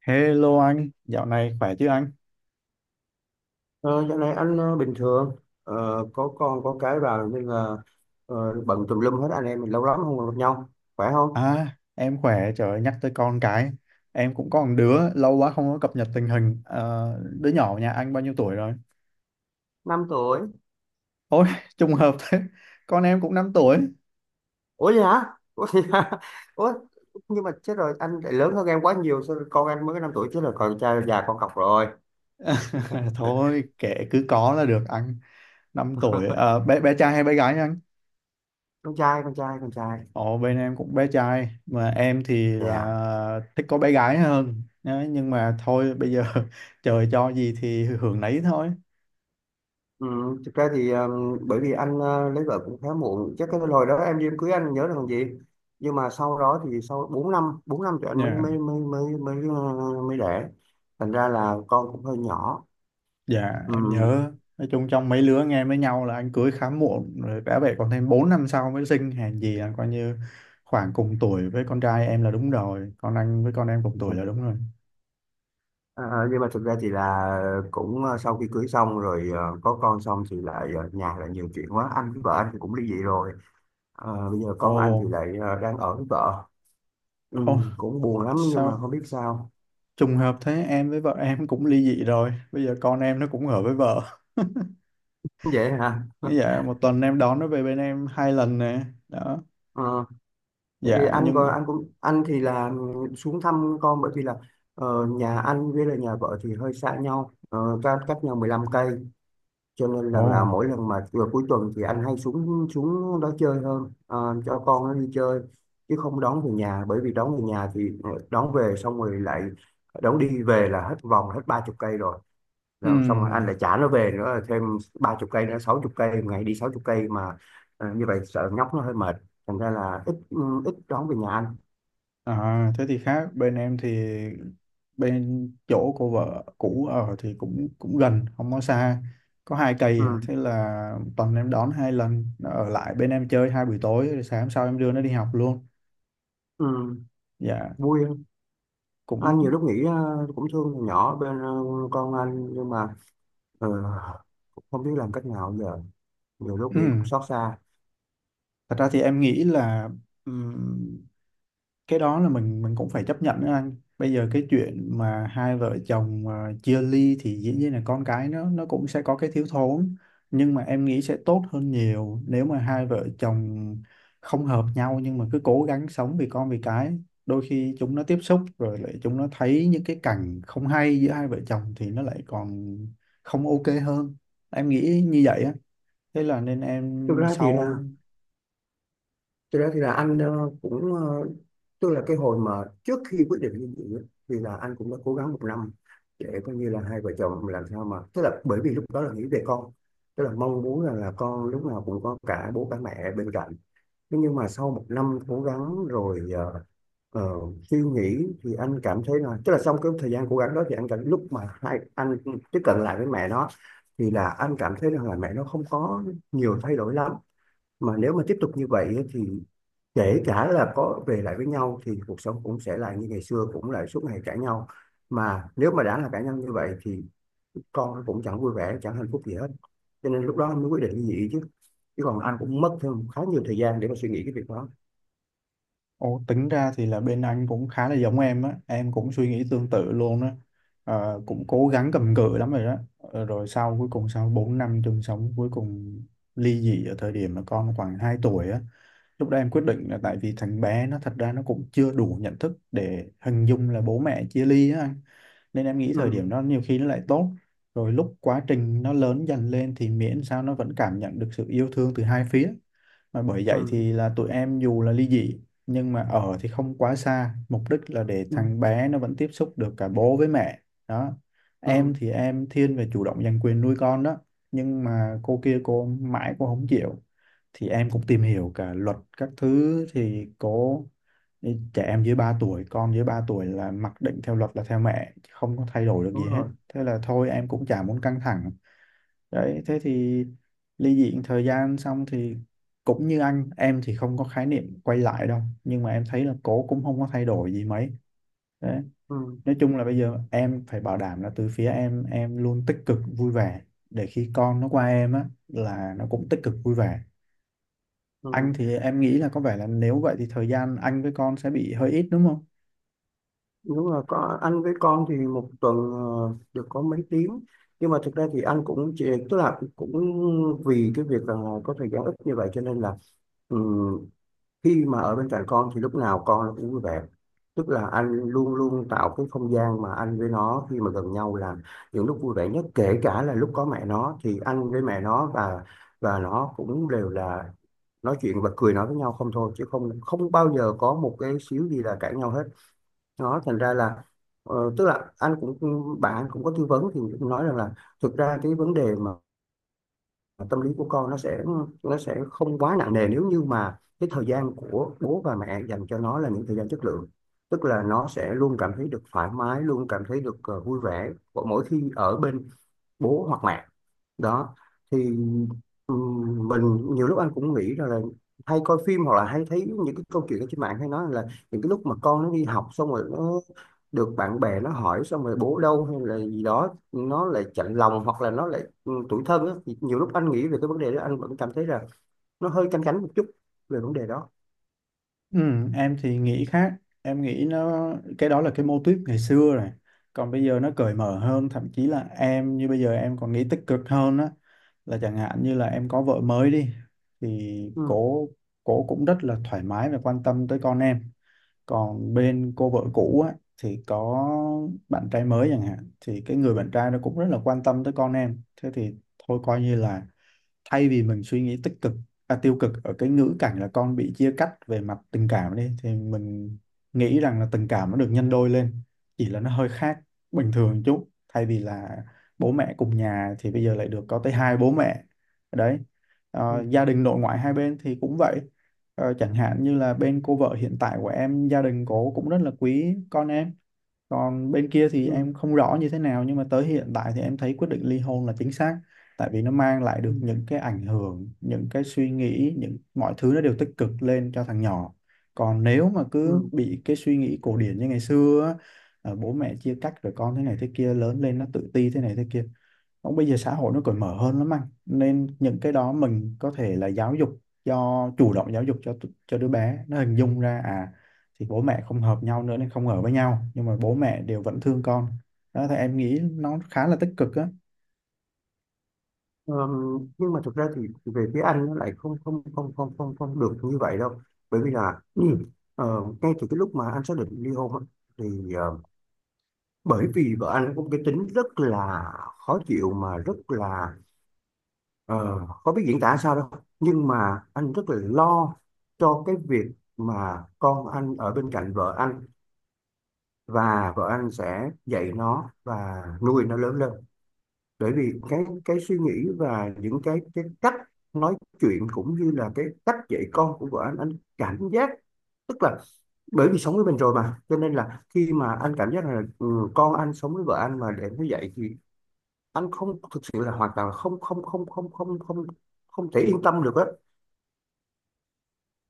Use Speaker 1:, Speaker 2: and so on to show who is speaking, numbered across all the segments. Speaker 1: Hello anh, dạo này khỏe chứ anh?
Speaker 2: Ờ, Dạo này anh bình thường. Có con có cái vào nên là ờ, bận tùm lum hết. Anh em mình lâu lắm không gặp nhau, khỏe không?
Speaker 1: À, em khỏe, trời ơi, nhắc tới con cái. Em cũng có một đứa, lâu quá không có cập nhật tình hình. Ờ, đứa nhỏ nhà anh bao nhiêu tuổi rồi?
Speaker 2: 5 tuổi.
Speaker 1: Ôi, trùng hợp thế, con em cũng 5 tuổi.
Speaker 2: Ủa, vậy hả? Ủa, vậy hả? Ủa, nhưng mà chết rồi, anh lại lớn hơn em quá nhiều, sao con anh mới có 5 tuổi chứ? Là con trai già con cọc rồi.
Speaker 1: Thôi, kệ cứ có là được anh. 5 tuổi. Bé trai hay bé gái nha anh?
Speaker 2: Con trai, con trai, con trai.
Speaker 1: Ồ, bên em cũng bé trai, mà em thì
Speaker 2: Dạ.
Speaker 1: là thích có bé gái hơn. Đấy, nhưng mà thôi, bây giờ trời cho gì thì hưởng nấy thôi.
Speaker 2: Ừ, thực ra thì bởi vì anh lấy vợ cũng khá muộn, chắc cái hồi đó em đi em cưới anh nhớ là còn gì. Nhưng mà sau đó thì sau 4 năm thì anh mới mới mới mới mới mới đẻ, thành ra là con cũng hơi nhỏ.
Speaker 1: Dạ
Speaker 2: Ừ.
Speaker 1: em nhớ. Nói chung trong mấy lứa nghe với nhau là anh cưới khá muộn. Rồi bé vậy còn thêm 4 năm sau mới sinh. Hèn gì là coi như khoảng cùng tuổi với con trai em là đúng rồi. Còn anh với con em cùng tuổi là đúng rồi.
Speaker 2: À, nhưng mà thực ra thì là cũng, sau khi cưới xong rồi, có con xong thì lại, nhà lại nhiều chuyện quá, anh với vợ anh thì cũng ly dị rồi. Bây giờ
Speaker 1: Ồ,
Speaker 2: con anh thì lại đang ở với vợ. Ừ,
Speaker 1: ồ,
Speaker 2: cũng buồn lắm nhưng mà
Speaker 1: sao
Speaker 2: không biết sao.
Speaker 1: trùng hợp thế, em với vợ em cũng ly dị rồi. Bây giờ con em nó cũng ở với vợ.
Speaker 2: Vậy hả.
Speaker 1: Dạ, một tuần em đón nó về bên em hai lần nè. Đó.
Speaker 2: Ờ. Tại vì
Speaker 1: Dạ
Speaker 2: anh
Speaker 1: nhưng.
Speaker 2: còn anh cũng anh thì là xuống thăm con, bởi vì là nhà anh với là nhà vợ thì hơi xa nhau, cách cách nhau 15 cây. Cho nên là
Speaker 1: Ồ.
Speaker 2: là mỗi lần mà vừa cuối tuần thì anh hay xuống xuống đó chơi hơn, cho con nó đi chơi chứ không đón về nhà. Bởi vì đón về nhà thì đón về xong rồi lại đón đi về là hết vòng hết 30 cây rồi,
Speaker 1: Ừ.
Speaker 2: là xong rồi anh lại trả nó về nữa là thêm 30 cây nữa, 60 cây, ngày đi 60 cây mà, như vậy sợ nhóc nó hơi mệt. Thành ra là ít ít đón về nhà anh.
Speaker 1: À, thế thì khác. Bên em thì bên chỗ cô vợ cũ ở thì cũng cũng gần, không có xa, có 2 cây à.
Speaker 2: Ừ.
Speaker 1: Thế là tuần em đón hai lần, nó ở lại bên em chơi hai buổi tối rồi sáng hôm sau em đưa nó đi học luôn.
Speaker 2: Ừ.
Speaker 1: Dạ.
Speaker 2: Vui không? Anh nhiều
Speaker 1: Cũng.
Speaker 2: lúc nghĩ cũng thương thằng nhỏ bên, con anh, nhưng mà ờ, cũng không biết làm cách nào giờ, nhiều lúc nghĩ cũng xót xa.
Speaker 1: Thật ra thì em nghĩ là cái đó là mình cũng phải chấp nhận đó anh. Bây giờ cái chuyện mà hai vợ chồng à, chia ly thì dĩ nhiên là con cái nó cũng sẽ có cái thiếu thốn. Nhưng mà em nghĩ sẽ tốt hơn nhiều nếu mà hai vợ chồng không hợp nhau nhưng mà cứ cố gắng sống vì con vì cái. Đôi khi chúng nó tiếp xúc rồi lại chúng nó thấy những cái cảnh không hay giữa hai vợ chồng thì nó lại còn không ok hơn. Em nghĩ như vậy á. Thế là nên
Speaker 2: thực
Speaker 1: em
Speaker 2: ra thì là
Speaker 1: sau.
Speaker 2: Thực ra thì là anh cũng, tức là cái hồi mà trước khi quyết định ly dị á, thì là anh cũng đã cố gắng một năm để coi như là hai vợ chồng làm sao mà, tức là bởi vì lúc đó là nghĩ về con, tức là mong muốn rằng là con lúc nào cũng có cả bố cả mẹ bên cạnh. Thế nhưng mà sau một năm cố gắng rồi, ờ, suy nghĩ thì anh cảm thấy là, tức là trong cái thời gian cố gắng đó thì anh cảm lúc mà hai anh tiếp cận lại với mẹ nó, thì là anh cảm thấy rằng là mẹ nó không có nhiều thay đổi lắm. Mà nếu mà tiếp tục như vậy ấy, thì kể cả là có về lại với nhau thì cuộc sống cũng sẽ là như ngày xưa, cũng lại suốt ngày cãi nhau. Mà nếu mà đã là cãi nhau như vậy thì con nó cũng chẳng vui vẻ chẳng hạnh phúc gì hết, cho nên lúc đó anh mới quyết định ly dị chứ. Chứ còn anh cũng mất thêm khá nhiều thời gian để mà suy nghĩ cái việc đó.
Speaker 1: Ồ, tính ra thì là bên anh cũng khá là giống em á, em cũng suy nghĩ tương tự luôn á, Ờ, cũng cố gắng cầm cự lắm rồi đó, Ờ, rồi sau cuối cùng sau 4 năm chung sống cuối cùng ly dị ở thời điểm mà con khoảng 2 tuổi á, lúc đó em quyết định là tại vì thằng bé nó thật ra nó cũng chưa đủ nhận thức để hình dung là bố mẹ chia ly á anh, nên em nghĩ
Speaker 2: Ừ.
Speaker 1: thời điểm đó nhiều khi nó lại tốt, rồi lúc quá trình nó lớn dần lên thì miễn sao nó vẫn cảm nhận được sự yêu thương từ hai phía. Mà bởi vậy
Speaker 2: Ừ.
Speaker 1: thì là tụi em dù là ly dị nhưng mà ở thì không quá xa, mục đích là để
Speaker 2: Ừ.
Speaker 1: thằng bé nó vẫn tiếp xúc được cả bố với mẹ. Đó.
Speaker 2: Ừ.
Speaker 1: Em thì em thiên về chủ động giành quyền nuôi con đó, nhưng mà cô kia cô mãi cô không chịu. Thì em cũng tìm hiểu cả luật các thứ thì cô, trẻ em dưới 3 tuổi, con dưới 3 tuổi là mặc định theo luật là theo mẹ, không có thay đổi được
Speaker 2: Đúng
Speaker 1: gì hết.
Speaker 2: rồi.
Speaker 1: Thế là thôi em cũng chả muốn căng thẳng. Đấy thế thì ly dị thời gian xong thì cũng như anh, em thì không có khái niệm quay lại đâu, nhưng mà em thấy là cổ cũng không có thay đổi gì mấy. Đấy.
Speaker 2: Ừ.
Speaker 1: Nói chung là bây giờ em phải bảo đảm là từ phía em luôn tích cực vui vẻ để khi con nó qua em á là nó cũng tích cực vui vẻ.
Speaker 2: Ừ.
Speaker 1: Anh thì em nghĩ là có vẻ là nếu vậy thì thời gian anh với con sẽ bị hơi ít đúng không?
Speaker 2: Đúng rồi, có anh với con thì một tuần được có mấy tiếng. Nhưng mà thực ra thì anh cũng chỉ, tức là cũng vì cái việc là có thời gian ít như vậy cho nên là ừ, khi mà ở bên cạnh con thì lúc nào con nó cũng vui vẻ, tức là anh luôn luôn tạo cái không gian mà anh với nó khi mà gần nhau là những lúc vui vẻ nhất, kể cả là lúc có mẹ nó thì anh với mẹ nó và nó cũng đều là nói chuyện bật cười nói với nhau không thôi, chứ không không bao giờ có một cái xíu gì là cãi nhau hết. Nó thành ra là tức là anh cũng, bạn anh cũng có tư vấn thì cũng nói rằng là thực ra cái vấn đề mà tâm lý của con nó sẽ, nó sẽ không quá nặng nề nếu như mà cái thời gian của bố và mẹ dành cho nó là những thời gian chất lượng, tức là nó sẽ luôn cảm thấy được thoải mái, luôn cảm thấy được vui vẻ mỗi khi ở bên bố hoặc mẹ. Đó thì mình nhiều lúc anh cũng nghĩ rằng là hay coi phim hoặc là hay thấy những cái câu chuyện ở trên mạng hay nói là những cái lúc mà con nó đi học xong rồi nó được bạn bè nó hỏi xong rồi bố đâu hay là gì đó, nó lại chạnh lòng hoặc là nó lại tủi thân á. Thì nhiều lúc anh nghĩ về cái vấn đề đó anh vẫn cảm thấy là nó hơi canh cánh một chút về vấn đề đó.
Speaker 1: Ừ, em thì nghĩ khác. Em nghĩ nó, cái đó là cái mô típ ngày xưa rồi. Còn bây giờ nó cởi mở hơn, thậm chí là em như bây giờ em còn nghĩ tích cực hơn á, là chẳng hạn như là em có vợ mới đi thì
Speaker 2: Ừ.
Speaker 1: cổ cổ cũng rất là thoải mái và quan tâm tới con em. Còn bên cô vợ cũ á thì có bạn trai mới chẳng hạn thì cái người bạn trai nó cũng rất là quan tâm tới con em. Thế thì thôi coi như là thay vì mình suy nghĩ tích cực, à, tiêu cực ở cái ngữ cảnh là con bị chia cắt về mặt tình cảm đi thì mình nghĩ rằng là tình cảm nó được nhân đôi lên. Chỉ là nó hơi khác bình thường chút, thay vì là bố mẹ cùng nhà thì bây giờ lại được có tới hai bố mẹ. Đấy.
Speaker 2: Ừ.
Speaker 1: Ờ, gia đình nội ngoại hai bên thì cũng vậy. Ờ, chẳng hạn như là bên cô vợ hiện tại của em gia đình cổ cũng rất là quý con em. Còn bên kia thì
Speaker 2: Ừ.
Speaker 1: em không rõ như thế nào nhưng mà tới hiện tại thì em thấy quyết định ly hôn là chính xác, tại vì nó mang lại được
Speaker 2: Ừ.
Speaker 1: những cái ảnh hưởng, những cái suy nghĩ, những mọi thứ nó đều tích cực lên cho thằng nhỏ. Còn nếu mà cứ
Speaker 2: Ừ.
Speaker 1: bị cái suy nghĩ cổ điển như ngày xưa á, bố mẹ chia cách rồi con thế này thế kia lớn lên nó tự ti thế này thế kia. Cũng bây giờ xã hội nó cởi mở hơn lắm anh, nên những cái đó mình có thể là giáo dục cho, chủ động giáo dục cho cho đứa bé nó hình dung ra à thì bố mẹ không hợp nhau nữa nên không ở với nhau nhưng mà bố mẹ đều vẫn thương con. Đó thì em nghĩ nó khá là tích cực á.
Speaker 2: Nhưng mà thực ra thì về phía anh nó lại không không không không không không được như vậy đâu, bởi vì là ờ, ngay từ cái lúc mà anh xác định ly hôn á, thì bởi vì vợ anh có một cái tính rất là khó chịu mà rất là, ờ, khó biết diễn tả sao đâu, nhưng mà anh rất là lo cho cái việc mà con anh ở bên cạnh vợ anh và vợ anh sẽ dạy nó và nuôi nó lớn lên. Bởi vì cái suy nghĩ và những cái cách nói chuyện cũng như là cái cách dạy con của vợ anh cảm giác, tức là bởi vì sống với mình rồi mà cho nên là khi mà anh cảm giác là con anh sống với vợ anh mà để nó dạy thì anh không thực sự là hoàn toàn là không không không không không không không thể yên tâm được á.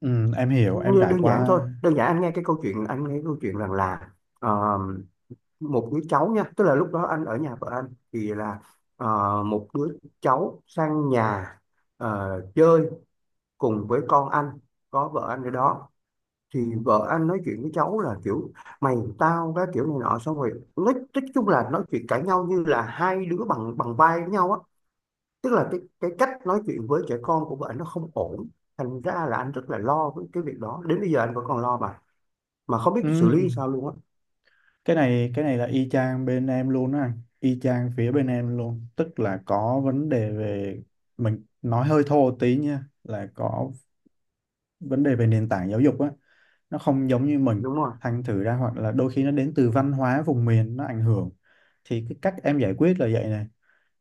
Speaker 1: Ừ, em hiểu, em
Speaker 2: Như
Speaker 1: trải
Speaker 2: đơn giản
Speaker 1: qua.
Speaker 2: thôi, đơn giản anh nghe cái câu chuyện, anh nghe câu chuyện rằng là ờ, một đứa cháu nha, tức là lúc đó anh ở nhà vợ anh thì là một đứa cháu sang nhà chơi cùng với con anh, có vợ anh ở đó thì vợ anh nói chuyện với cháu là kiểu mày tao cái kiểu này nọ, xong rồi nói chung là nói chuyện cãi nhau như là hai đứa bằng bằng vai với nhau á, tức là cái cách nói chuyện với trẻ con của vợ anh nó không ổn. Thành ra là anh rất là lo với cái việc đó, đến bây giờ anh vẫn còn lo mà không biết
Speaker 1: Ừ,
Speaker 2: xử lý sao luôn á.
Speaker 1: cái này là y chang bên em luôn á anh, y chang phía bên em luôn, tức là có vấn đề về, mình nói hơi thô tí nha, là có vấn đề về nền tảng giáo dục á, nó không giống như mình.
Speaker 2: Đúng rồi.
Speaker 1: Thành thử ra hoặc là đôi khi nó đến từ văn hóa vùng miền nó ảnh hưởng. Thì cái cách em giải quyết là vậy này.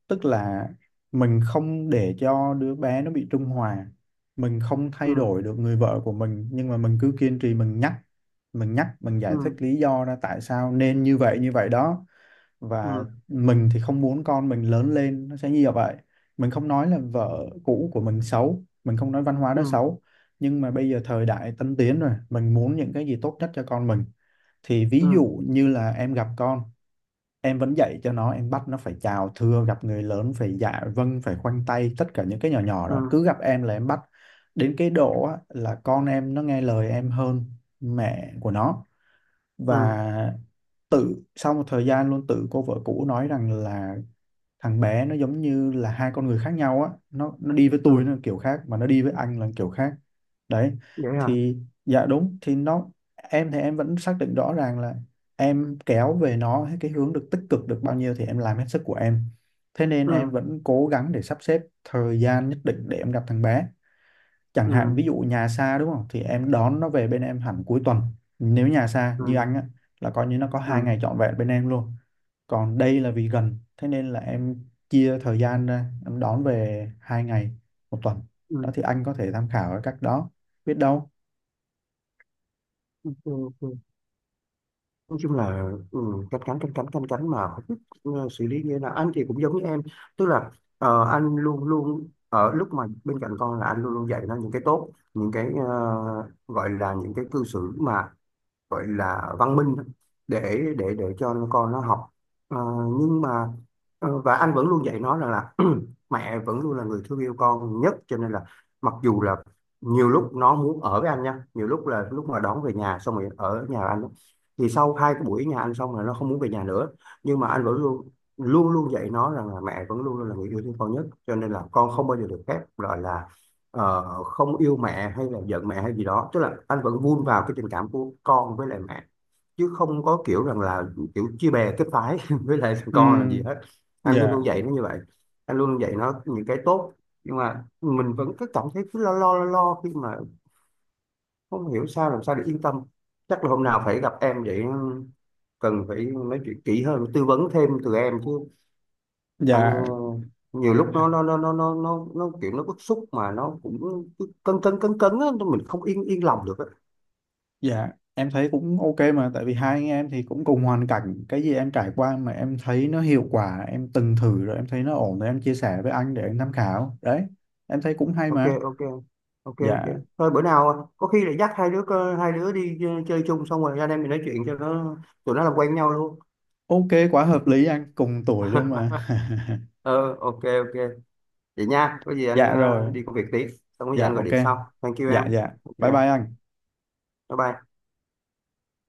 Speaker 1: Tức là mình không để cho đứa bé nó bị trung hòa. Mình không
Speaker 2: Ừ.
Speaker 1: thay đổi được người vợ của mình nhưng mà mình cứ kiên trì mình nhắc, mình giải thích
Speaker 2: Ừ.
Speaker 1: lý do ra tại sao nên như vậy đó. Và
Speaker 2: Ừ.
Speaker 1: mình thì không muốn con mình lớn lên nó sẽ như vậy. Mình không nói là vợ cũ của mình xấu, mình không nói văn hóa đó
Speaker 2: Ừ.
Speaker 1: xấu, nhưng mà bây giờ thời đại tân tiến rồi, mình muốn những cái gì tốt nhất cho con mình. Thì ví
Speaker 2: Ừ.
Speaker 1: dụ như là em gặp con, em vẫn dạy cho nó, em bắt nó phải chào thưa gặp người lớn phải dạ vâng phải khoanh tay, tất cả những cái nhỏ nhỏ đó
Speaker 2: Ừ.
Speaker 1: cứ gặp em là em bắt. Đến cái độ á, là con em nó nghe lời em hơn mẹ của nó.
Speaker 2: Ừ.
Speaker 1: Và tự sau một thời gian luôn, tự cô vợ cũ nói rằng là thằng bé nó giống như là hai con người khác nhau á, nó đi với tôi
Speaker 2: Ừ.
Speaker 1: nó kiểu khác mà nó đi với anh là kiểu khác. Đấy.
Speaker 2: Vậy hả.
Speaker 1: Thì, dạ đúng, thì nó, em thì em vẫn xác định rõ ràng là em kéo về nó cái hướng được tích cực được bao nhiêu thì em làm hết sức của em. Thế nên em
Speaker 2: Ừ.
Speaker 1: vẫn cố gắng để sắp xếp thời gian nhất định để em gặp thằng bé. Chẳng
Speaker 2: Ừ.
Speaker 1: hạn ví dụ nhà xa đúng không thì em đón nó về bên em hẳn cuối tuần. Nếu nhà xa như
Speaker 2: Ừ.
Speaker 1: anh á là coi như nó có hai
Speaker 2: Ừ.
Speaker 1: ngày trọn vẹn bên em luôn. Còn đây là vì gần thế nên là em chia thời gian ra, em đón về 2 ngày một tuần.
Speaker 2: Ừ.
Speaker 1: Đó thì anh có thể tham khảo ở cách đó, biết đâu.
Speaker 2: OK. OK. Nói chung là canh cánh mà không biết xử lý như thế nào. Anh thì cũng giống như em, tức là anh luôn luôn ở lúc mà bên cạnh con là anh luôn luôn dạy nó những cái tốt, những cái gọi là những cái cư xử mà gọi là văn minh để cho con nó học. Ờ, nhưng mà và anh vẫn luôn dạy nó rằng là mẹ vẫn luôn là người thương yêu con nhất, cho nên là mặc dù là nhiều lúc nó muốn ở với anh nha, nhiều lúc là lúc mà đón về nhà xong rồi ở nhà anh á, thì sau 2 cái buổi nhà anh xong là nó không muốn về nhà nữa. Nhưng mà anh vẫn luôn luôn luôn dạy nó rằng là mẹ vẫn luôn luôn là người yêu thương con nhất, cho nên là con không bao giờ được phép gọi là không yêu mẹ hay là giận mẹ hay gì đó, tức là anh vẫn vun vào cái tình cảm của con với lại mẹ, chứ không có kiểu rằng là kiểu chia bè kết phái với lại thằng con làm gì
Speaker 1: Ừm,
Speaker 2: hết. Anh luôn
Speaker 1: dạ
Speaker 2: luôn dạy nó như vậy. Anh luôn luôn dạy nó những cái tốt. Nhưng mà mình vẫn cứ cảm thấy cứ lo lo lo lo khi mà không hiểu sao làm sao để yên tâm. Chắc là hôm nào phải gặp em vậy, cần phải nói chuyện kỹ hơn, tư vấn thêm từ em chứ. Anh
Speaker 1: dạ.
Speaker 2: nhiều lúc nó nó kiểu nó bức xúc mà nó cũng cứ cấn cấn cấn cấn á, mình không yên yên lòng được á.
Speaker 1: Dạ, em thấy cũng ok mà, tại vì hai anh em thì cũng cùng hoàn cảnh, cái gì em trải qua mà em thấy nó hiệu quả, em từng thử rồi em thấy nó ổn rồi em chia sẻ với anh để anh tham khảo. Đấy, em thấy cũng hay
Speaker 2: OK.
Speaker 1: mà.
Speaker 2: OK. OK. OK.
Speaker 1: Dạ,
Speaker 2: Thôi bữa nào có khi lại dắt hai đứa đi chơi chung, xong rồi anh em mình nói chuyện cho nó, tụi nó làm quen nhau luôn.
Speaker 1: ok quá hợp lý anh, cùng tuổi luôn mà.
Speaker 2: Ờ, OK. OK. Vậy nha, có gì anh
Speaker 1: Dạ rồi,
Speaker 2: đi công việc tí, xong có gì
Speaker 1: dạ
Speaker 2: anh gọi
Speaker 1: ok.
Speaker 2: điện sau. Thank you em.
Speaker 1: Dạ dạ.
Speaker 2: Thank you
Speaker 1: Bye
Speaker 2: em.
Speaker 1: bye anh.
Speaker 2: Bye bye.